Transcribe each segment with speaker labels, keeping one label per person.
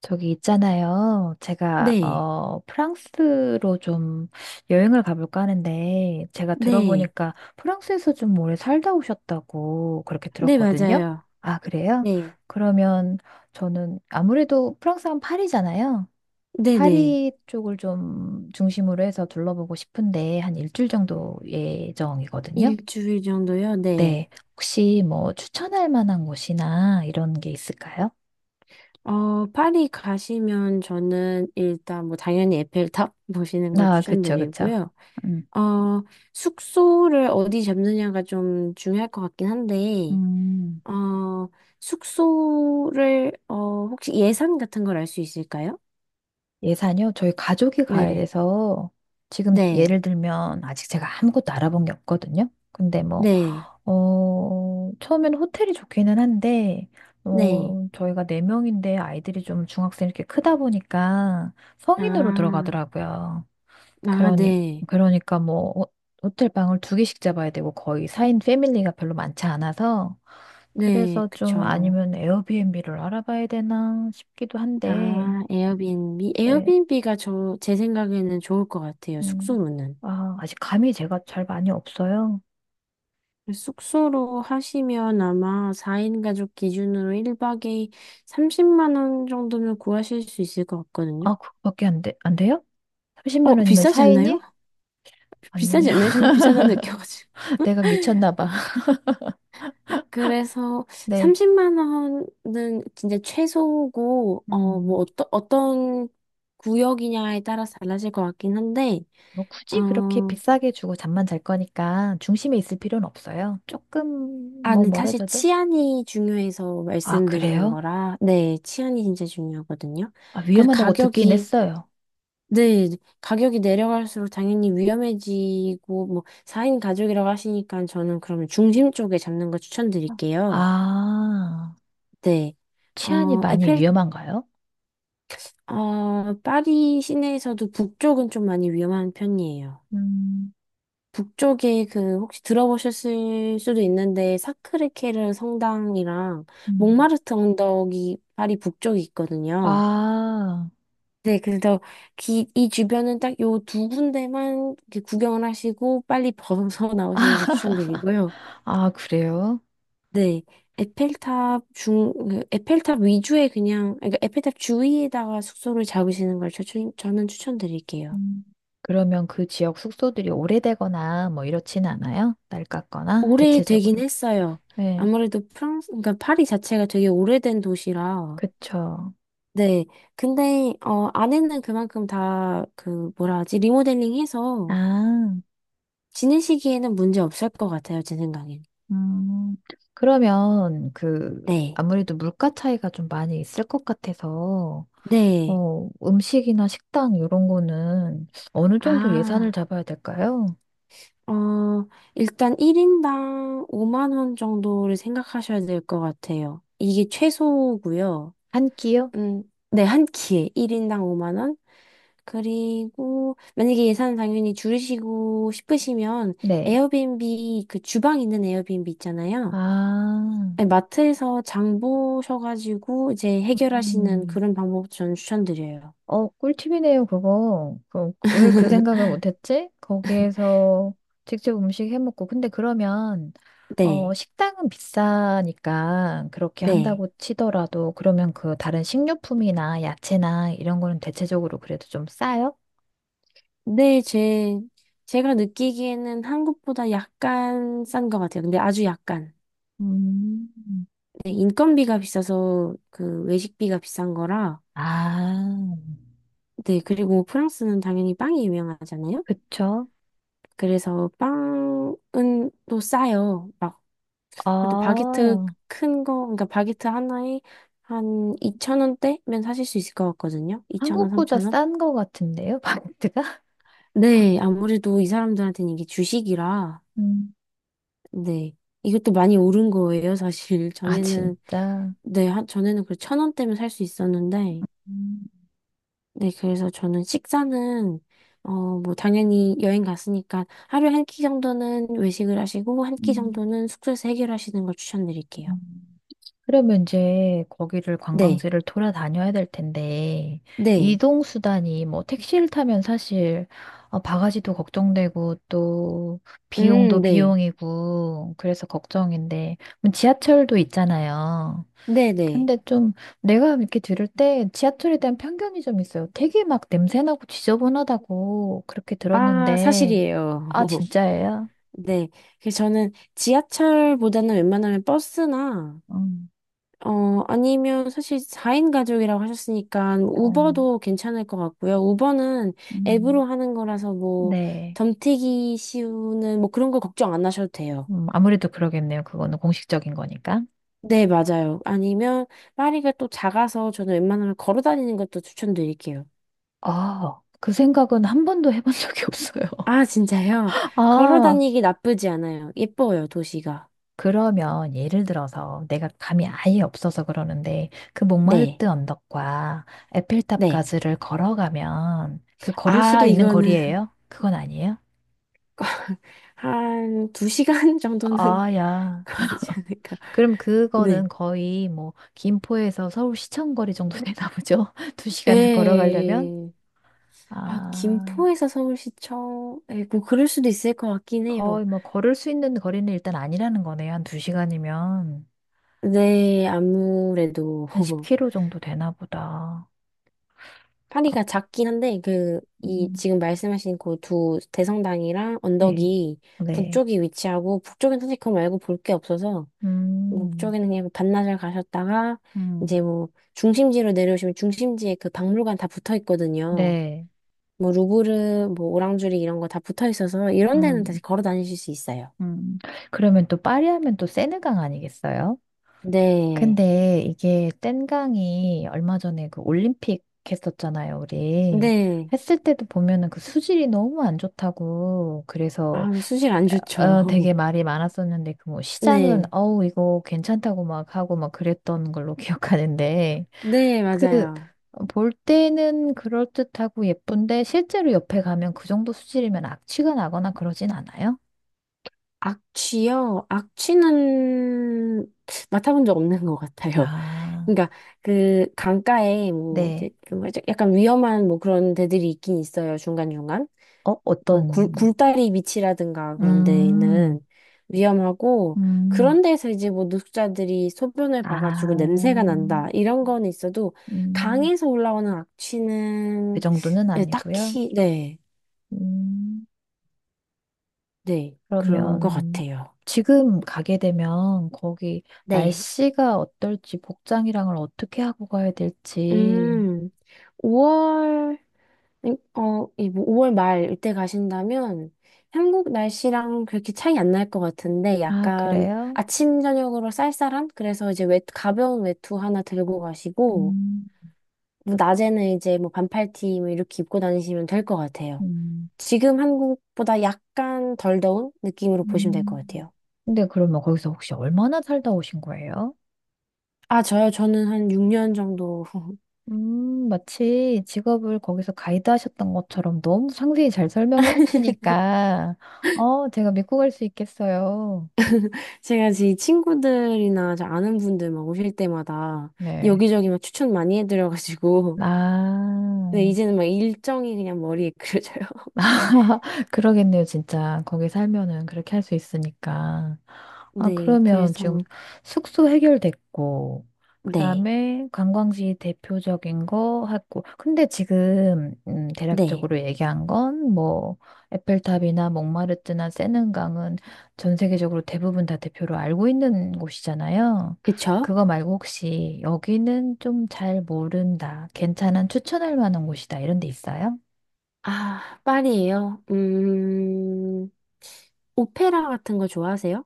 Speaker 1: 저기 있잖아요. 제가
Speaker 2: 네,
Speaker 1: 프랑스로 좀 여행을 가볼까 하는데 제가
Speaker 2: 네,
Speaker 1: 들어보니까 프랑스에서 좀 오래 살다 오셨다고 그렇게
Speaker 2: 네,
Speaker 1: 들었거든요.
Speaker 2: 맞아요.
Speaker 1: 아, 그래요?
Speaker 2: 네,
Speaker 1: 그러면 저는 아무래도 프랑스 는 파리잖아요.
Speaker 2: 네네.
Speaker 1: 파리 쪽을 좀 중심으로 해서 둘러보고 싶은데 한 일주일 정도 예정이거든요.
Speaker 2: 일주일 정도요? 네.
Speaker 1: 네. 혹시 뭐 추천할 만한 곳이나 이런 게 있을까요?
Speaker 2: 파리 가시면 저는 일단 뭐 당연히 에펠탑 보시는 걸
Speaker 1: 아, 그쵸, 그쵸.
Speaker 2: 추천드리고요.
Speaker 1: 음.
Speaker 2: 어, 숙소를 어디 잡느냐가 좀 중요할 것 같긴 한데,
Speaker 1: 음.
Speaker 2: 어, 숙소를, 혹시 예산 같은 걸 알 수 있을까요?
Speaker 1: 예산이요? 저희 가족이 가야
Speaker 2: 네,
Speaker 1: 돼서 지금
Speaker 2: 네,
Speaker 1: 예를 들면 아직 제가 아무것도 알아본 게 없거든요. 근데 뭐,
Speaker 2: 네,
Speaker 1: 처음에는 호텔이 좋기는 한데,
Speaker 2: 네.
Speaker 1: 저희가 네명인데 아이들이 좀 중학생 이렇게 크다 보니까 성인으로
Speaker 2: 아,
Speaker 1: 들어가더라고요.
Speaker 2: 아,
Speaker 1: 그러니,
Speaker 2: 네,
Speaker 1: 그러니까 뭐, 호텔 방을 2개씩 잡아야 되고 거의 4인 패밀리가 별로 많지 않아서
Speaker 2: 네,
Speaker 1: 그래서 좀
Speaker 2: 그쵸.
Speaker 1: 아니면 에어비앤비를 알아봐야 되나 싶기도 한데.
Speaker 2: 아, 에어비앤비.
Speaker 1: 예.
Speaker 2: 에어비앤비가 제 생각에는 좋을 것 같아요.
Speaker 1: 음.
Speaker 2: 숙소로는.
Speaker 1: 아, 아직 감이 제가 잘 많이 없어요.
Speaker 2: 숙소로 하시면 아마 4인 가족 기준으로 1박에 30만 원 정도면 구하실 수 있을 것 같거든요.
Speaker 1: 아, 그거밖에 안 돼, 안 돼요? 30만 원이면
Speaker 2: 비싸지
Speaker 1: 사인
Speaker 2: 않나요?
Speaker 1: 이 아니,
Speaker 2: 비싸지 않나요? 저는 비싸다는 느껴가지고.
Speaker 1: 내가 미쳤나 봐.
Speaker 2: 그래서
Speaker 1: 네.
Speaker 2: 30만 원은 진짜 최소고, 뭐,
Speaker 1: 음.
Speaker 2: 어떤 구역이냐에 따라서 달라질 것 같긴 한데,
Speaker 1: 뭐
Speaker 2: 어,
Speaker 1: 굳이 그렇게 비싸게 주고 잠만 잘 거니까 중심에 있을 필요는 없어요. 조금 뭐
Speaker 2: 근데 사실
Speaker 1: 멀어져도.
Speaker 2: 치안이 중요해서
Speaker 1: 아,
Speaker 2: 말씀드리는
Speaker 1: 그래요?
Speaker 2: 거라, 네, 치안이 진짜 중요하거든요.
Speaker 1: 아,
Speaker 2: 그래서
Speaker 1: 위험하다고 듣긴 했어요.
Speaker 2: 네, 가격이 내려갈수록 당연히 위험해지고, 뭐, 4인 가족이라고 하시니까 저는 그러면 중심 쪽에 잡는 거 추천드릴게요.
Speaker 1: 아,
Speaker 2: 네.
Speaker 1: 치안이
Speaker 2: 어,
Speaker 1: 많이
Speaker 2: 에펠,
Speaker 1: 위험한가요?
Speaker 2: 파리 시내에서도 북쪽은 좀 많이 위험한 편이에요.
Speaker 1: 음.
Speaker 2: 북쪽에 그 혹시 들어보셨을 수도 있는데 사크르케르 성당이랑
Speaker 1: 음.
Speaker 2: 몽마르트 언덕이 파리 북쪽에 있거든요.
Speaker 1: 아,
Speaker 2: 네, 그래서 이 주변은 딱 요 두 군데만 이렇게 구경을 하시고 빨리 벗어나오시는 걸 추천드리고요.
Speaker 1: 아, 그래요?
Speaker 2: 네, 그 에펠탑 위주에 그냥, 그러니까 에펠탑 주위에다가 숙소를 잡으시는 걸 저는 추천드릴게요.
Speaker 1: 음. 그러면 그 지역 숙소들이 오래되거나 뭐 이렇지는 않아요? 낡았거나
Speaker 2: 오래되긴
Speaker 1: 대체적으로.
Speaker 2: 했어요.
Speaker 1: 네,
Speaker 2: 아무래도 프랑스, 그러니까 파리 자체가 되게 오래된 도시라
Speaker 1: 그쵸.
Speaker 2: 네. 근데, 안에는 그만큼 다, 그, 뭐라 하지, 리모델링 해서
Speaker 1: 아,
Speaker 2: 지내시기에는 문제 없을 것 같아요, 제 생각엔.
Speaker 1: 음. 그러면
Speaker 2: 네.
Speaker 1: 아무래도 물가 차이가 좀 많이 있을 것 같아서
Speaker 2: 네.
Speaker 1: 음식이나 식당 이런 거는 어느 정도 예산을
Speaker 2: 아,
Speaker 1: 잡아야 될까요?
Speaker 2: 어, 일단 1인당 5만 원 정도를 생각하셔야 될 것 같아요. 이게 최소고요.
Speaker 1: 한 끼요?
Speaker 2: 음, 네, 한 끼에 1인당 5만 원? 그리고 만약에 예산 당연히 줄이시고 싶으시면
Speaker 1: 네.
Speaker 2: 에어비앤비 그 주방 있는 에어비앤비 있잖아요.
Speaker 1: 아,
Speaker 2: 아니, 마트에서 장 보셔가지고 이제 해결하시는
Speaker 1: 음.
Speaker 2: 그런 방법 저는 추천드려요.
Speaker 1: 꿀팁이네요, 그거. 왜 그 생각을 못했지? 거기에서 직접 음식 해 먹고. 근데 그러면,
Speaker 2: 네,
Speaker 1: 식당은 비싸니까 그렇게
Speaker 2: 네.
Speaker 1: 한다고 치더라도, 그러면 그 다른 식료품이나 야채나 이런 거는 대체적으로 그래도 좀 싸요?
Speaker 2: 네, 제가 느끼기에는 한국보다 약간 싼 것 같아요. 근데 아주 약간.
Speaker 1: 음.
Speaker 2: 네, 인건비가 비싸서 그 외식비가 비싼 거라.
Speaker 1: 아,
Speaker 2: 네, 그리고 프랑스는 당연히 빵이 유명하잖아요.
Speaker 1: 그쵸?
Speaker 2: 그래서 빵은 또 싸요. 막 그래도 바게트
Speaker 1: 아,
Speaker 2: 큰 거, 그러니까 바게트 하나에 한2천원대면 사실 수 있을 것 같거든요. 2천원3
Speaker 1: 한국보다
Speaker 2: 천원
Speaker 1: 싼 거 같은데요, 바게트가?
Speaker 2: 네, 아무래도 이 사람들한테는 이게 주식이라,
Speaker 1: 음,
Speaker 2: 네. 이것도 많이 오른 거예요, 사실.
Speaker 1: 아, 진짜.
Speaker 2: 네, 한, 전에는 그1원대면 살 수 있었는데,
Speaker 1: 음.
Speaker 2: 네, 그래서 저는 식사는, 어, 뭐, 당연히 여행 갔으니까 하루에 한 끼 정도는 외식을 하시고, 한 끼
Speaker 1: 음.
Speaker 2: 정도는 숙소에서 해결하시는 걸 추천드릴게요.
Speaker 1: 그러면 이제 거기를
Speaker 2: 네,
Speaker 1: 관광지를 돌아다녀야 될 텐데,
Speaker 2: 네,
Speaker 1: 이동 수단이 뭐 택시를 타면 사실 바가지도 걱정되고 또 비용도
Speaker 2: 네,
Speaker 1: 비용이고 그래서 걱정인데, 그럼 지하철도 있잖아요.
Speaker 2: 네네.
Speaker 1: 근데 좀 내가 이렇게 들을 때 지하철에 대한 편견이 좀 있어요. 되게 막 냄새나고 지저분하다고 그렇게
Speaker 2: 아,
Speaker 1: 들었는데.
Speaker 2: 사실이에요.
Speaker 1: 아, 진짜예요?
Speaker 2: 네. 그래서 저는 지하철보다는 웬만하면 버스나,
Speaker 1: 음,
Speaker 2: 아니면 사실 4인 가족이라고 하셨으니까
Speaker 1: 음.
Speaker 2: 우버도 괜찮을 것 같고요. 우버는 앱으로
Speaker 1: 음,
Speaker 2: 하는 거라서 뭐,
Speaker 1: 네.
Speaker 2: 덤태기 씌우는 뭐 그런 거 걱정 안 하셔도 돼요.
Speaker 1: 아무래도 그러겠네요. 그거는 공식적인 거니까.
Speaker 2: 네, 맞아요. 아니면 파리가 또 작아서 저는 웬만하면 걸어 다니는 것도 추천드릴게요.
Speaker 1: 아, 그 생각은 한 번도 해본 적이 없어요.
Speaker 2: 아, 진짜요? 걸어
Speaker 1: 아,
Speaker 2: 다니기 나쁘지 않아요. 예뻐요, 도시가.
Speaker 1: 그러면 예를 들어서 내가 감이 아예 없어서 그러는데 그
Speaker 2: 네.
Speaker 1: 몽마르트 언덕과
Speaker 2: 네.
Speaker 1: 에펠탑까지를 걸어가면 그 걸을
Speaker 2: 아,
Speaker 1: 수도 있는
Speaker 2: 이거는
Speaker 1: 거리예요? 그건 아니에요?
Speaker 2: 한 2시간 정도는
Speaker 1: 아, 야.
Speaker 2: 걸리지 않을까.
Speaker 1: 그럼
Speaker 2: 네.
Speaker 1: 그거는 거의 뭐 김포에서 서울 시청 거리 정도 되나 보죠? 두 시간을 걸어가려면?
Speaker 2: 에. 아,
Speaker 1: 아.
Speaker 2: 김포에서 서울시청에 뭐 그럴 수도 있을 것 같긴 해요.
Speaker 1: 거의 뭐 걸을 수 있는 거리는 일단 아니라는 거네. 요 한 두시간이면한
Speaker 2: 네, 아무래도
Speaker 1: 10km 정도 되나 보다. 아,
Speaker 2: 파리가 작긴 한데 그 이
Speaker 1: 음,
Speaker 2: 지금 말씀하신 그 두 대성당이랑
Speaker 1: 네.
Speaker 2: 언덕이
Speaker 1: 네.
Speaker 2: 북쪽이 위치하고 북쪽엔 사실 그거 말고 볼 게 없어서
Speaker 1: 음,
Speaker 2: 북쪽에는 그냥 반나절 가셨다가 이제
Speaker 1: 음,
Speaker 2: 뭐 중심지로 내려오시면 중심지에 그 박물관 다 붙어 있거든요.
Speaker 1: 네.
Speaker 2: 뭐 루브르, 뭐 오랑주리 이런 거 다 붙어 있어서 이런 데는
Speaker 1: 음,
Speaker 2: 다시 걸어 다니실 수 있어요.
Speaker 1: 음. 그러면 또 파리 하면 또 세느강 아니겠어요?
Speaker 2: 네.
Speaker 1: 근데 이게 뗀강이 얼마 전에 그 올림픽 했었잖아요, 우리.
Speaker 2: 네.
Speaker 1: 했을 때도 보면은 그 수질이 너무 안 좋다고. 그래서
Speaker 2: 아, 수질 안 좋죠.
Speaker 1: 되게 말이 많았었는데, 그 뭐, 시장은,
Speaker 2: 네.
Speaker 1: 어우, 이거 괜찮다고 막 하고 막 그랬던 걸로 기억하는데,
Speaker 2: 네,
Speaker 1: 그,
Speaker 2: 맞아요.
Speaker 1: 볼 때는 그럴듯하고 예쁜데, 실제로 옆에 가면 그 정도 수질이면 악취가 나거나 그러진 않아요?
Speaker 2: 악취요? 악취는 맡아본 적 없는 것 같아요.
Speaker 1: 아,
Speaker 2: 그러니까 그 강가에 뭐 이제
Speaker 1: 네.
Speaker 2: 좀 약간 위험한 뭐 그런 데들이 있긴 있어요. 중간중간. 뭐
Speaker 1: 어떤,
Speaker 2: 굴다리 밑이라든가 그런
Speaker 1: 음,
Speaker 2: 데는 위험하고
Speaker 1: 음.
Speaker 2: 그런 데서 이제 뭐 노숙자들이 소변을
Speaker 1: 아,
Speaker 2: 봐가지고 냄새가 난다 이런 건 있어도
Speaker 1: 음,
Speaker 2: 강에서 올라오는
Speaker 1: 그
Speaker 2: 악취는
Speaker 1: 정도는
Speaker 2: 네,
Speaker 1: 아니고요.
Speaker 2: 딱히 네,
Speaker 1: 음.
Speaker 2: 네 그런 것
Speaker 1: 그러면
Speaker 2: 같아요.
Speaker 1: 지금 가게 되면 거기
Speaker 2: 네.
Speaker 1: 날씨가 어떨지 복장이랑을 어떻게 하고 가야 될지.
Speaker 2: 음, 5월 이 5월 말 이때 가신다면 한국 날씨랑 그렇게 차이 안 날 것 같은데
Speaker 1: 아,
Speaker 2: 약간
Speaker 1: 그래요?
Speaker 2: 아침 저녁으로 쌀쌀한 그래서 이제 외 가벼운 외투 하나 들고 가시고
Speaker 1: 음,
Speaker 2: 뭐 낮에는 이제 뭐 반팔티 뭐 이렇게 입고 다니시면 될 것 같아요.
Speaker 1: 음,
Speaker 2: 지금 한국보다 약간 덜 더운 느낌으로 보시면 될 것
Speaker 1: 음.
Speaker 2: 같아요.
Speaker 1: 근데 그러면 거기서 혹시 얼마나 살다 오신 거예요?
Speaker 2: 아, 저요. 저는 한 6년 정도
Speaker 1: 마치 직업을 거기서 가이드 하셨던 것처럼 너무 상세히 잘 설명해 주시니까, 제가 믿고 갈 수 있겠어요.
Speaker 2: 제가 제 친구들이나 저 아는 분들 막 오실 때마다
Speaker 1: 네.
Speaker 2: 여기저기 막 추천 많이 해드려가지고 네,
Speaker 1: 아.
Speaker 2: 이제는 막 일정이 그냥 머리에 그려져요.
Speaker 1: 그러겠네요, 진짜. 거기 살면은 그렇게 할 수 있으니까. 아,
Speaker 2: 네,
Speaker 1: 그러면 지금
Speaker 2: 그래서,
Speaker 1: 숙소 해결됐고, 그
Speaker 2: 네,
Speaker 1: 다음에 관광지 대표적인 거 하고, 근데 지금,
Speaker 2: 네.
Speaker 1: 대략적으로 얘기한 건, 뭐, 에펠탑이나 몽마르트나 세는강은 전 세계적으로 대부분 다 대표로 알고 있는 곳이잖아요.
Speaker 2: 그쵸?
Speaker 1: 그거 말고 혹시 여기는 좀 잘 모른다, 괜찮은 추천할 만한 곳이다, 이런 데 있어요?
Speaker 2: 아, 파리예요. 오페라 같은 거 좋아하세요?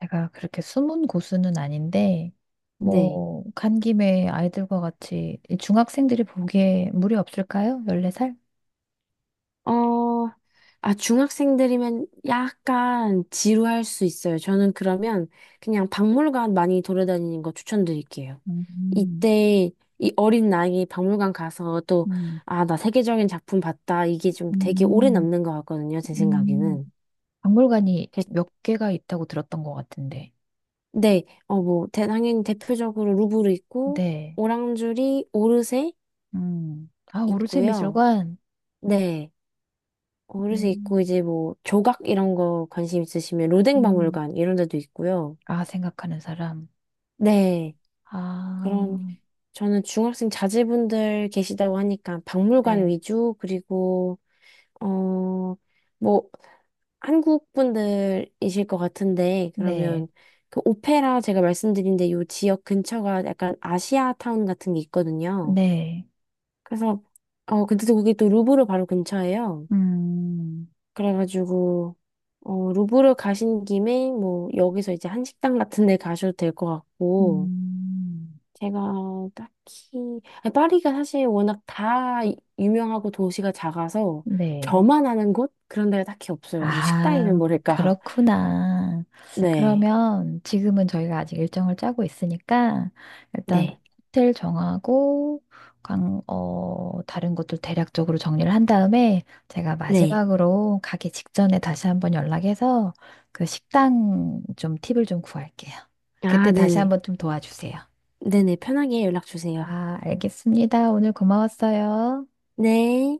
Speaker 1: 제가 그렇게 숨은 고수는 아닌데,
Speaker 2: 네.
Speaker 1: 뭐, 간 김에 아이들과 같이 이 중학생들이 보기에 무리 없을까요? 14살?
Speaker 2: 어, 아, 중학생들이면 약간 지루할 수 있어요. 저는 그러면 그냥 박물관 많이 돌아다니는 거 추천드릴게요.
Speaker 1: 음,
Speaker 2: 이때 이 어린 나이에 박물관 가서 또,
Speaker 1: 음,
Speaker 2: 아, 나 세계적인 작품 봤다. 이게 좀 되게 오래
Speaker 1: 음,
Speaker 2: 남는 것 같거든요. 제
Speaker 1: 음,
Speaker 2: 생각에는.
Speaker 1: 박물관이 몇 개가 있다고 들었던 것 같은데.
Speaker 2: 네, 뭐, 당연히 대표적으로 루브르 있고,
Speaker 1: 네.
Speaker 2: 오랑주리, 오르세
Speaker 1: 아, 오르세
Speaker 2: 있고요.
Speaker 1: 미술관?
Speaker 2: 네, 오르세 있고,
Speaker 1: 음,
Speaker 2: 이제 뭐, 조각 이런 거 관심 있으시면 로댕
Speaker 1: 음.
Speaker 2: 박물관 이런 데도 있고요.
Speaker 1: 아, 생각하는 사람.
Speaker 2: 네, 그럼
Speaker 1: 아,
Speaker 2: 저는 중학생 자제분들 계시다고 하니까 박물관
Speaker 1: 네.
Speaker 2: 위주, 그리고, 어, 뭐, 한국 분들이실 것 같은데, 그러면
Speaker 1: 네.
Speaker 2: 그 오페라 제가 말씀드린 데요 지역 근처가 약간 아시아 타운 같은 게 있거든요.
Speaker 1: 네.
Speaker 2: 그래서 근데 또 거기 또 루브르 바로 근처예요.
Speaker 1: 음,
Speaker 2: 그래가지고 루브르 가신 김에 뭐 여기서 이제 한식당 같은 데 가셔도 될 것 같고
Speaker 1: 음.
Speaker 2: 제가 딱히 아니, 파리가 사실 워낙 다 유명하고 도시가 작아서
Speaker 1: 네.
Speaker 2: 저만 아는 곳 그런 데가 딱히 없어요. 뭐 식당이면
Speaker 1: 아,
Speaker 2: 모를까.
Speaker 1: 그렇구나.
Speaker 2: 네,
Speaker 1: 그러면 지금은 저희가 아직 일정을 짜고 있으니까 일단
Speaker 2: 네,
Speaker 1: 호텔 정하고 다른 것도 대략적으로 정리를 한 다음에 제가
Speaker 2: 네.
Speaker 1: 마지막으로 가기 직전에 다시 한번 연락해서 그 식당 좀 팁을 좀 구할게요.
Speaker 2: 아,
Speaker 1: 그때 다시
Speaker 2: 네네,
Speaker 1: 한번 좀 도와주세요.
Speaker 2: 네네. 편하게 연락 주세요.
Speaker 1: 아, 알겠습니다. 오늘 고마웠어요.
Speaker 2: 네.